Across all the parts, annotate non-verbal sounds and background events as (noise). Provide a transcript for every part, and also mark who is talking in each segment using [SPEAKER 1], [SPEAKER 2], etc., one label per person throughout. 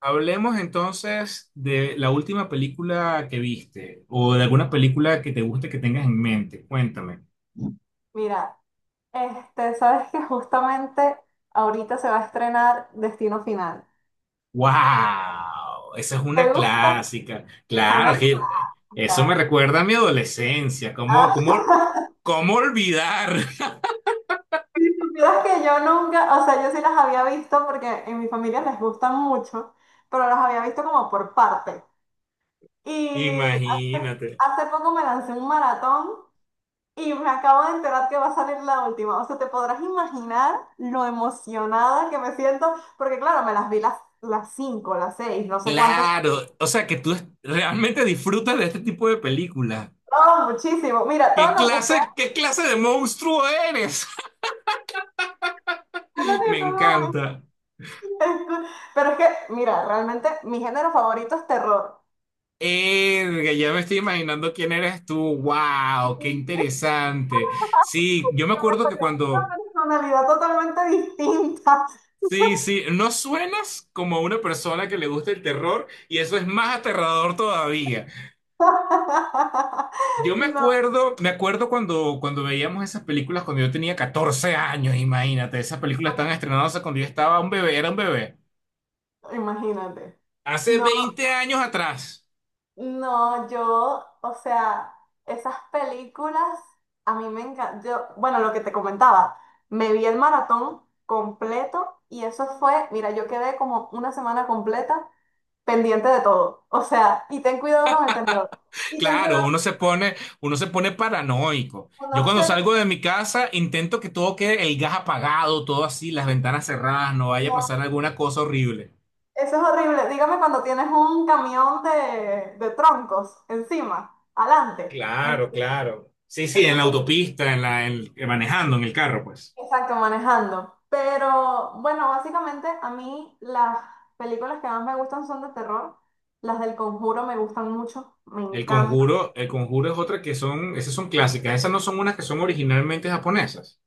[SPEAKER 1] Hablemos entonces de la última película que viste o de alguna película que te guste que tengas en mente. Cuéntame.
[SPEAKER 2] Mira, sabes que justamente ahorita se va a estrenar Destino Final.
[SPEAKER 1] ¡Wow! Esa es
[SPEAKER 2] ¿Te
[SPEAKER 1] una
[SPEAKER 2] gusta?
[SPEAKER 1] clásica.
[SPEAKER 2] Es
[SPEAKER 1] Claro,
[SPEAKER 2] una
[SPEAKER 1] es que eso me
[SPEAKER 2] cómica.
[SPEAKER 1] recuerda a mi adolescencia. ¿Cómo,
[SPEAKER 2] Ah,
[SPEAKER 1] cómo,
[SPEAKER 2] (laughs)
[SPEAKER 1] cómo olvidar?
[SPEAKER 2] si supieras que yo nunca, o sea, yo sí las había visto porque en mi familia les gustan mucho, pero las había visto como por parte.
[SPEAKER 1] (laughs)
[SPEAKER 2] Y hace,
[SPEAKER 1] Imagínate.
[SPEAKER 2] hace poco me lancé un maratón y me acabo de enterar que va a salir la última. O sea, te podrás imaginar lo emocionada que me siento, porque claro, me las vi las cinco, las seis, no sé cuántas.
[SPEAKER 1] Claro, o sea que tú realmente disfrutas de este tipo de películas.
[SPEAKER 2] No, muchísimo. Mira, todo
[SPEAKER 1] ¿Qué
[SPEAKER 2] lo que sea
[SPEAKER 1] clase, qué clase de monstruo eres?
[SPEAKER 2] (laughs) de
[SPEAKER 1] (laughs)
[SPEAKER 2] terror,
[SPEAKER 1] Me
[SPEAKER 2] no, no,
[SPEAKER 1] encanta.
[SPEAKER 2] (laughs) es cool. Pero es que, mira, realmente mi género favorito es terror.
[SPEAKER 1] Erga, ya me estoy imaginando quién eres tú. ¡Wow! ¡Qué
[SPEAKER 2] (laughs) Y
[SPEAKER 1] interesante! Sí, yo me
[SPEAKER 2] que me
[SPEAKER 1] acuerdo que
[SPEAKER 2] sacó una
[SPEAKER 1] cuando.
[SPEAKER 2] personalidad totalmente distinta.
[SPEAKER 1] Sí, sí, no suenas como una persona que le gusta el terror y eso es más aterrador todavía.
[SPEAKER 2] (laughs)
[SPEAKER 1] Yo me
[SPEAKER 2] No,
[SPEAKER 1] acuerdo, me acuerdo cuando veíamos esas películas cuando yo tenía 14 años, imagínate, esas películas estaban estrenadas cuando yo estaba un bebé, era un bebé.
[SPEAKER 2] imagínate.
[SPEAKER 1] Hace
[SPEAKER 2] No,
[SPEAKER 1] 20 años atrás.
[SPEAKER 2] no, yo, o sea, esas películas a mí me encantan. Yo, bueno, lo que te comentaba, me vi el maratón completo y eso fue, mira, yo quedé como una semana completa pendiente de todo. O sea, y ten cuidado con el tendedor. Y ten
[SPEAKER 1] Claro,
[SPEAKER 2] cuidado
[SPEAKER 1] uno se pone paranoico.
[SPEAKER 2] con
[SPEAKER 1] Yo
[SPEAKER 2] no
[SPEAKER 1] cuando
[SPEAKER 2] ser,
[SPEAKER 1] salgo de mi casa intento que todo quede el gas apagado, todo así, las ventanas cerradas, no vaya a
[SPEAKER 2] no.
[SPEAKER 1] pasar alguna cosa horrible.
[SPEAKER 2] Eso es horrible. Dígame cuando tienes un camión de troncos encima, adelante. En-
[SPEAKER 1] Claro, claro. Sí, sí,
[SPEAKER 2] eso
[SPEAKER 1] en la
[SPEAKER 2] horrible.
[SPEAKER 1] autopista, manejando en el carro, pues.
[SPEAKER 2] Exacto, manejando. Pero bueno, básicamente a mí las películas que más me gustan son de terror. Las del Conjuro me gustan mucho, me encantan.
[SPEAKER 1] El conjuro es otra que son, esas son clásicas, esas no son unas que son originalmente japonesas.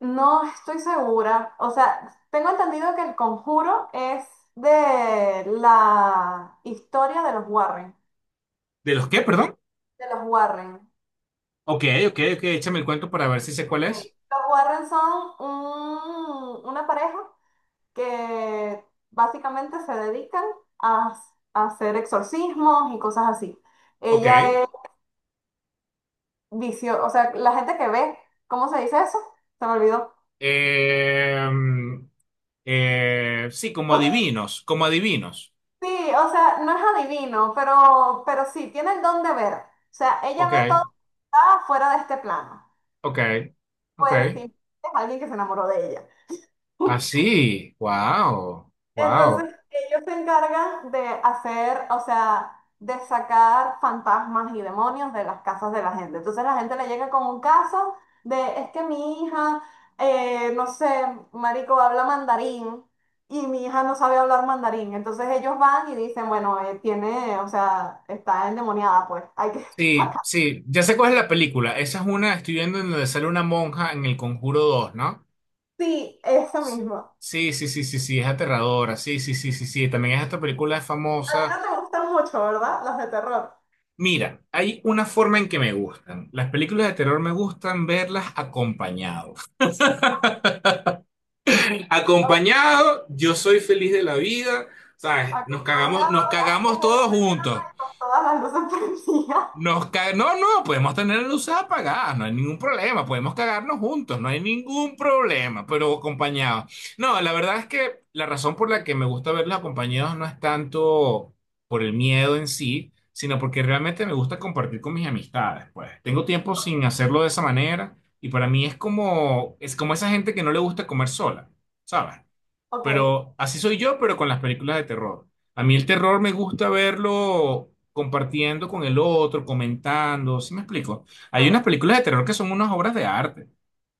[SPEAKER 2] No estoy segura. O sea, tengo entendido que el conjuro es de la historia de los Warren.
[SPEAKER 1] ¿De los qué, perdón?
[SPEAKER 2] De los Warren.
[SPEAKER 1] Ok, ok, ok, échame el cuento para ver si sé cuál es.
[SPEAKER 2] Ok. Los Warren son una pareja que básicamente se dedican a, a hacer exorcismos y cosas así. Ella
[SPEAKER 1] Ok.
[SPEAKER 2] es vicio, o sea, la gente que ve, ¿cómo se dice eso? Se me olvidó.
[SPEAKER 1] Eh, sí, como
[SPEAKER 2] (laughs)
[SPEAKER 1] adivinos, como adivinos.
[SPEAKER 2] Sí, o sea, no es adivino, pero sí, tiene el don de ver. O sea, ella
[SPEAKER 1] Ok,
[SPEAKER 2] ve todo lo que está fuera de este plano.
[SPEAKER 1] ok, ok.
[SPEAKER 2] Pues sí, es alguien que se enamoró de ella.
[SPEAKER 1] Así, wow, wow.
[SPEAKER 2] Entonces, ellos se encargan de hacer, o sea, de sacar fantasmas y demonios de las casas de la gente. Entonces, la gente le llega con un caso de, es que mi hija, no sé, marico, habla mandarín y mi hija no sabe hablar mandarín. Entonces, ellos van y dicen, bueno, tiene, o sea, está endemoniada, pues, hay que (laughs)
[SPEAKER 1] Sí,
[SPEAKER 2] sacar.
[SPEAKER 1] sí, ya sé cuál es la película. Esa es una, estoy viendo en donde sale una monja en El Conjuro 2, ¿no?
[SPEAKER 2] Sí, eso mismo.
[SPEAKER 1] Sí, sí, sí, sí, sí, es aterradora. Sí, sí, sí, sí, sí. También esta película es
[SPEAKER 2] A ti
[SPEAKER 1] famosa.
[SPEAKER 2] no te gustan mucho, ¿verdad? Los de terror.
[SPEAKER 1] Mira, hay una forma en que me gustan. Las películas de terror me gustan verlas acompañados. Acompañado, yo soy feliz de la vida, ¿sabes?
[SPEAKER 2] Acompañado
[SPEAKER 1] Nos
[SPEAKER 2] a las 10
[SPEAKER 1] cagamos
[SPEAKER 2] de la
[SPEAKER 1] todos
[SPEAKER 2] mañana
[SPEAKER 1] juntos.
[SPEAKER 2] y con todas las luces prendidas. (laughs)
[SPEAKER 1] No, no, podemos tener las luces apagadas, no hay ningún problema, podemos cagarnos juntos, no hay ningún problema, pero acompañados. No, la verdad es que la razón por la que me gusta verlos acompañados no es tanto por el miedo en sí, sino porque realmente me gusta compartir con mis amistades, pues. Tengo tiempo sin hacerlo de esa manera y para mí es como esa gente que no le gusta comer sola, ¿sabes?
[SPEAKER 2] Ok,
[SPEAKER 1] Pero así soy yo, pero con las películas de terror. A mí el terror me gusta verlo compartiendo con el otro, comentando, ¿sí me explico? Hay unas
[SPEAKER 2] claro,
[SPEAKER 1] películas de terror que son unas obras de arte.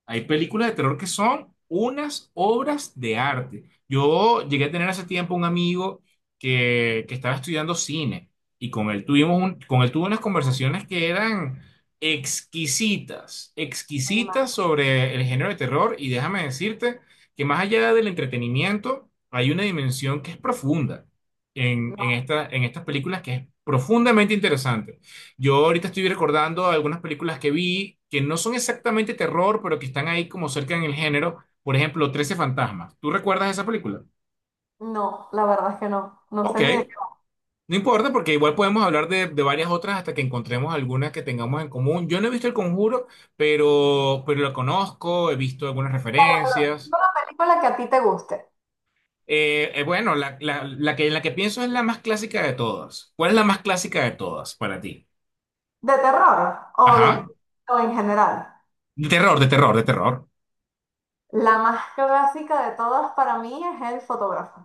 [SPEAKER 1] Hay películas de terror que son unas obras de arte. Yo llegué a tener hace tiempo un amigo que estaba estudiando cine y con él tuvimos con él tuve unas conversaciones que eran exquisitas,
[SPEAKER 2] oye, ma,
[SPEAKER 1] exquisitas sobre el género de terror y déjame decirte que más allá del entretenimiento hay una dimensión que es profunda en,
[SPEAKER 2] no,
[SPEAKER 1] en esta, en estas películas que es profundamente interesante. Yo ahorita estoy recordando algunas películas que vi que no son exactamente terror, pero que están ahí como cerca en el género. Por ejemplo, 13 fantasmas. ¿Tú recuerdas esa película?
[SPEAKER 2] no, la verdad es que no, no
[SPEAKER 1] Ok,
[SPEAKER 2] sé ni de qué.
[SPEAKER 1] no importa porque igual podemos hablar de varias otras hasta que encontremos algunas que tengamos en común. Yo no he visto El Conjuro, pero lo conozco, he visto algunas
[SPEAKER 2] Claro, pero
[SPEAKER 1] referencias.
[SPEAKER 2] dime una película que a ti te guste,
[SPEAKER 1] Bueno, la que pienso es la más clásica de todas. ¿Cuál es la más clásica de todas para ti?
[SPEAKER 2] de terror o de
[SPEAKER 1] Ajá.
[SPEAKER 2] o en general.
[SPEAKER 1] De terror, de terror, de terror.
[SPEAKER 2] La más clásica de todas para mí es El fotógrafo.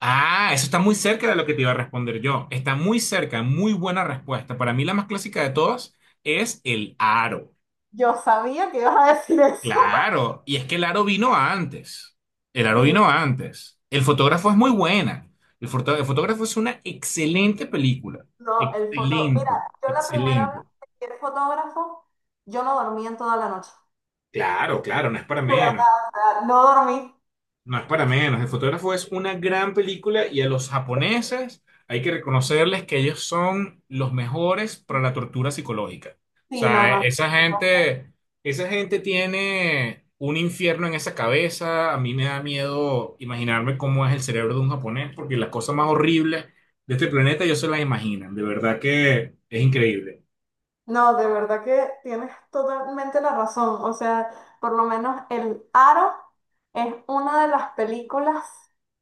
[SPEAKER 1] Ah, eso está muy cerca de lo que te iba a responder yo. Está muy cerca, muy buena respuesta. Para mí la más clásica de todas es el aro.
[SPEAKER 2] Yo sabía que ibas a decir eso. (laughs)
[SPEAKER 1] Claro, y es que el aro vino antes. El aro
[SPEAKER 2] Sí,
[SPEAKER 1] vino antes. El fotógrafo es muy buena. El fotógrafo es una excelente película.
[SPEAKER 2] no, el foto. Mira,
[SPEAKER 1] Excelente,
[SPEAKER 2] yo la primera vez
[SPEAKER 1] excelente.
[SPEAKER 2] que vi el fotógrafo, yo no dormí en toda la noche.
[SPEAKER 1] Claro, claro, no es
[SPEAKER 2] (laughs)
[SPEAKER 1] para
[SPEAKER 2] De verdad,
[SPEAKER 1] menos.
[SPEAKER 2] o sea, no dormí.
[SPEAKER 1] No es para menos. El fotógrafo es una gran película y a los japoneses hay que reconocerles que ellos son los mejores para la tortura psicológica. O
[SPEAKER 2] Sí, no,
[SPEAKER 1] sea,
[SPEAKER 2] no,
[SPEAKER 1] esa gente tiene un infierno en esa cabeza. A mí me da miedo imaginarme cómo es el cerebro de un japonés porque las cosas más horribles de este planeta ellos se las imaginan. De verdad que es increíble.
[SPEAKER 2] no, de verdad que tienes totalmente la razón. O sea, por lo menos El Aro es una de las películas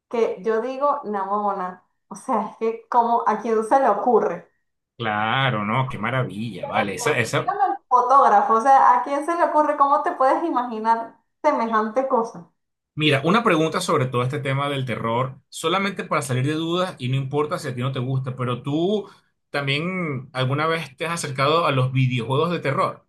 [SPEAKER 2] que yo digo, namona. O sea, es que como a quién se le ocurre.
[SPEAKER 1] Claro, no, qué maravilla, vale.
[SPEAKER 2] Dígame al fotógrafo, o sea, ¿a quién se le ocurre? ¿Cómo te puedes imaginar semejante cosa?
[SPEAKER 1] Mira, una pregunta sobre todo este tema del terror, solamente para salir de dudas y no importa si a ti no te gusta, pero tú también alguna vez te has acercado a los videojuegos de terror.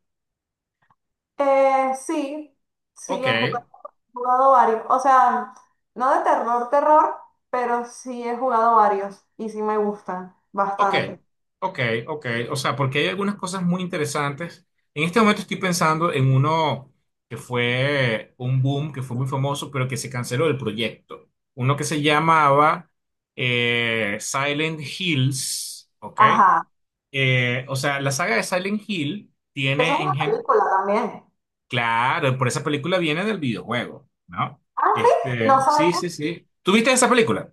[SPEAKER 2] Sí, sí,
[SPEAKER 1] Ok,
[SPEAKER 2] he jugado varios. O sea, no de terror, terror, pero sí he jugado varios y sí me gustan
[SPEAKER 1] ok,
[SPEAKER 2] bastante.
[SPEAKER 1] ok, ok. O sea, porque hay algunas cosas muy interesantes. En este momento estoy pensando en uno que fue un boom, que fue muy famoso, pero que se canceló el proyecto. Uno que se llamaba Silent Hills, ¿ok?
[SPEAKER 2] Ajá.
[SPEAKER 1] O sea, la saga de Silent Hill
[SPEAKER 2] Eso es
[SPEAKER 1] tiene en
[SPEAKER 2] una
[SPEAKER 1] gen...
[SPEAKER 2] película también.
[SPEAKER 1] Claro, por esa película viene del videojuego, ¿no?
[SPEAKER 2] Ah, sí, no
[SPEAKER 1] Sí, sí,
[SPEAKER 2] sabía.
[SPEAKER 1] sí. ¿Tuviste esa película?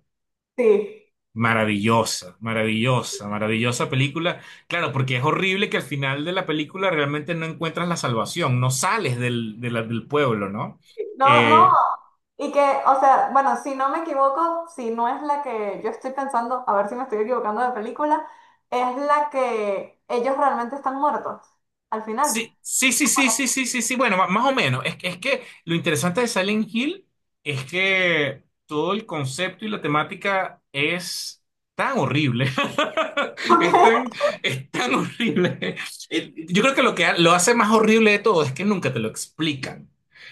[SPEAKER 2] Sí.
[SPEAKER 1] Maravillosa, maravillosa, maravillosa película. Claro, porque es horrible que al final de la película realmente no encuentras la salvación, no sales del, del pueblo, ¿no?
[SPEAKER 2] No, no.
[SPEAKER 1] Eh,
[SPEAKER 2] Y que, o sea, bueno, si no me equivoco, si no es la que yo estoy pensando, a ver si me estoy equivocando de película, es la que ellos realmente están muertos al final.
[SPEAKER 1] Sí, sí, sí, sí,
[SPEAKER 2] Bueno,
[SPEAKER 1] sí, sí, sí, sí. Bueno, más o menos. Es que lo interesante de Silent Hill es que todo el concepto y la temática es tan horrible. (laughs) Es tan,
[SPEAKER 2] (laughs)
[SPEAKER 1] es tan horrible. Yo creo que lo que lo hace más horrible de todo es que nunca te lo explican.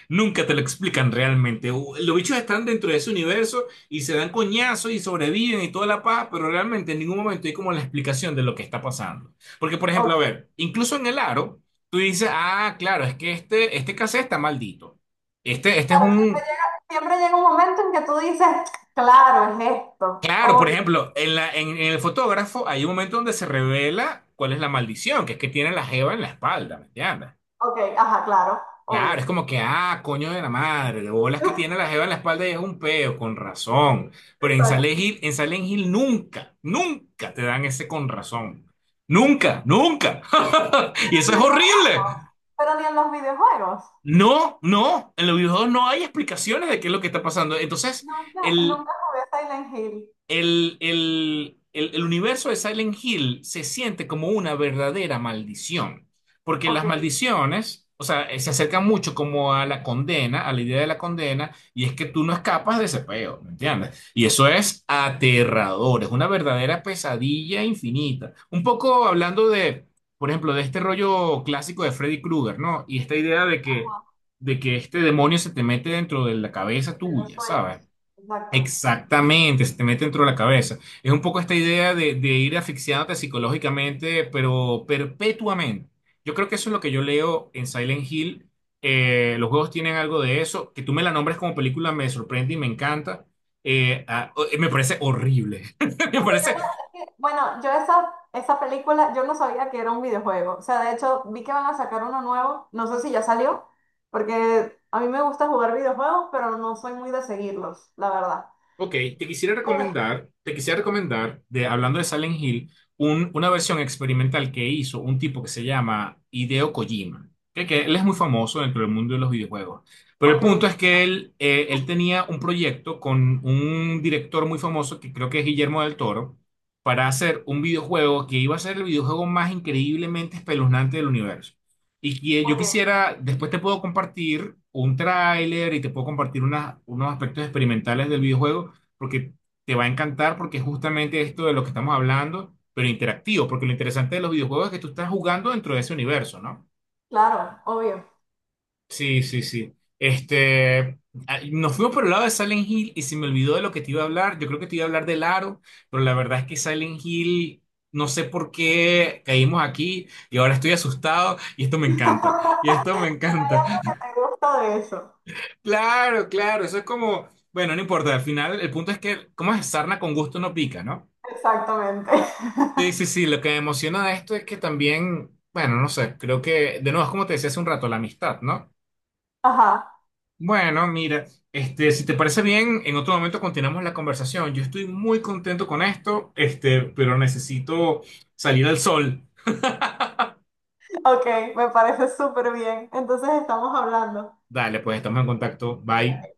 [SPEAKER 1] Nunca te lo explican realmente. Los bichos están dentro de ese universo y se dan coñazos y sobreviven y toda la paz, pero realmente en ningún momento hay como la explicación de lo que está pasando. Porque, por
[SPEAKER 2] ok,
[SPEAKER 1] ejemplo, a
[SPEAKER 2] ok.
[SPEAKER 1] ver, incluso en el aro. Tú dices, ah, claro, es que este cassette está maldito. Este es
[SPEAKER 2] Claro,
[SPEAKER 1] un...
[SPEAKER 2] siempre llega un momento en que tú dices, claro, es esto.
[SPEAKER 1] Claro, por
[SPEAKER 2] Obvio.
[SPEAKER 1] ejemplo, en el fotógrafo hay un momento donde se revela cuál es la maldición, que es que tiene la jeva en la espalda, ¿me entiendes?
[SPEAKER 2] Ok, ajá, claro,
[SPEAKER 1] Claro, es
[SPEAKER 2] obvio.
[SPEAKER 1] como que, ah, coño de la madre, de bolas que tiene la jeva en la espalda y es un peo, con razón. Pero
[SPEAKER 2] Exacto.
[SPEAKER 1] En Silent Hill nunca, nunca te dan ese con razón. Nunca, nunca. (laughs) Y
[SPEAKER 2] Pero
[SPEAKER 1] eso es
[SPEAKER 2] ni en los
[SPEAKER 1] horrible.
[SPEAKER 2] juegos, pero ni en los videojuegos.
[SPEAKER 1] No, no, en los videojuegos no hay explicaciones de qué es lo que está pasando. Entonces,
[SPEAKER 2] Nunca,
[SPEAKER 1] el,
[SPEAKER 2] nunca jugué Silent Hill.
[SPEAKER 1] el universo de Silent Hill se siente como una verdadera maldición, porque
[SPEAKER 2] Ok,
[SPEAKER 1] las maldiciones, o sea, se acercan mucho como a la condena, a la idea de la condena, y es que tú no escapas de ese peo, ¿me entiendes? Y eso es aterrador, es una verdadera pesadilla infinita. Un poco hablando de, por ejemplo, de este rollo clásico de Freddy Krueger, ¿no? Y esta idea
[SPEAKER 2] ajá,
[SPEAKER 1] de que este demonio se te mete dentro de la cabeza
[SPEAKER 2] de los
[SPEAKER 1] tuya, ¿sabes?
[SPEAKER 2] sueños. Exacto.
[SPEAKER 1] Exactamente, se te mete dentro de la cabeza. Es un poco esta idea de ir asfixiándote psicológicamente, pero perpetuamente. Yo creo que eso es lo que yo leo en Silent Hill. Los juegos tienen algo de eso. Que tú me la nombres como película me sorprende y me encanta. Me parece horrible. (laughs) Me
[SPEAKER 2] Es que yo,
[SPEAKER 1] parece
[SPEAKER 2] es que, bueno, yo esa, esa película, yo no sabía que era un videojuego. O sea, de hecho, vi que van a sacar uno nuevo, no sé si ya salió, porque a mí me gusta jugar videojuegos, pero no soy muy de seguirlos, la verdad.
[SPEAKER 1] Ok, te quisiera
[SPEAKER 2] Eh,
[SPEAKER 1] recomendar, te quisiera recomendar, de, hablando de Silent Hill, una versión experimental que hizo un tipo que se llama Hideo Kojima, que él es muy famoso dentro del mundo de los videojuegos. Pero el punto
[SPEAKER 2] ok,
[SPEAKER 1] es que él tenía un proyecto con un director muy famoso, que creo que es Guillermo del Toro, para hacer un videojuego que iba a ser el videojuego más increíblemente espeluznante del universo. Y que yo
[SPEAKER 2] ok,
[SPEAKER 1] quisiera, después te puedo compartir un tráiler y te puedo compartir unos aspectos experimentales del videojuego porque te va a encantar porque es justamente esto de lo que estamos hablando, pero interactivo, porque lo interesante de los videojuegos es que tú estás jugando dentro de ese universo, ¿no?
[SPEAKER 2] claro, obvio.
[SPEAKER 1] Sí, sí, sí. Nos fuimos por el lado de Silent Hill y se me olvidó de lo que te iba a hablar. Yo creo que te iba a hablar del aro, pero la verdad es que Silent Hill, no sé por qué caímos aquí y ahora estoy asustado y esto
[SPEAKER 2] (laughs)
[SPEAKER 1] me
[SPEAKER 2] Hay
[SPEAKER 1] encanta. Y
[SPEAKER 2] algo
[SPEAKER 1] esto me encanta. (laughs)
[SPEAKER 2] que me gusta de eso.
[SPEAKER 1] Claro, claro, eso es como, bueno, no importa, al final el punto es que, ¿cómo es? Sarna con gusto no pica, ¿no?
[SPEAKER 2] Exactamente. (laughs)
[SPEAKER 1] Sí, sí, sí, lo que me emociona de esto es que también, bueno, no sé, creo que, de nuevo, es como te decía hace un rato, la amistad, ¿no?
[SPEAKER 2] Ajá,
[SPEAKER 1] Bueno, mira, si te parece bien, en otro momento continuamos la conversación. Yo estoy muy contento con esto, pero necesito salir al sol.
[SPEAKER 2] ok, me parece súper bien. Entonces estamos hablando.
[SPEAKER 1] Dale, pues estamos en contacto. Bye.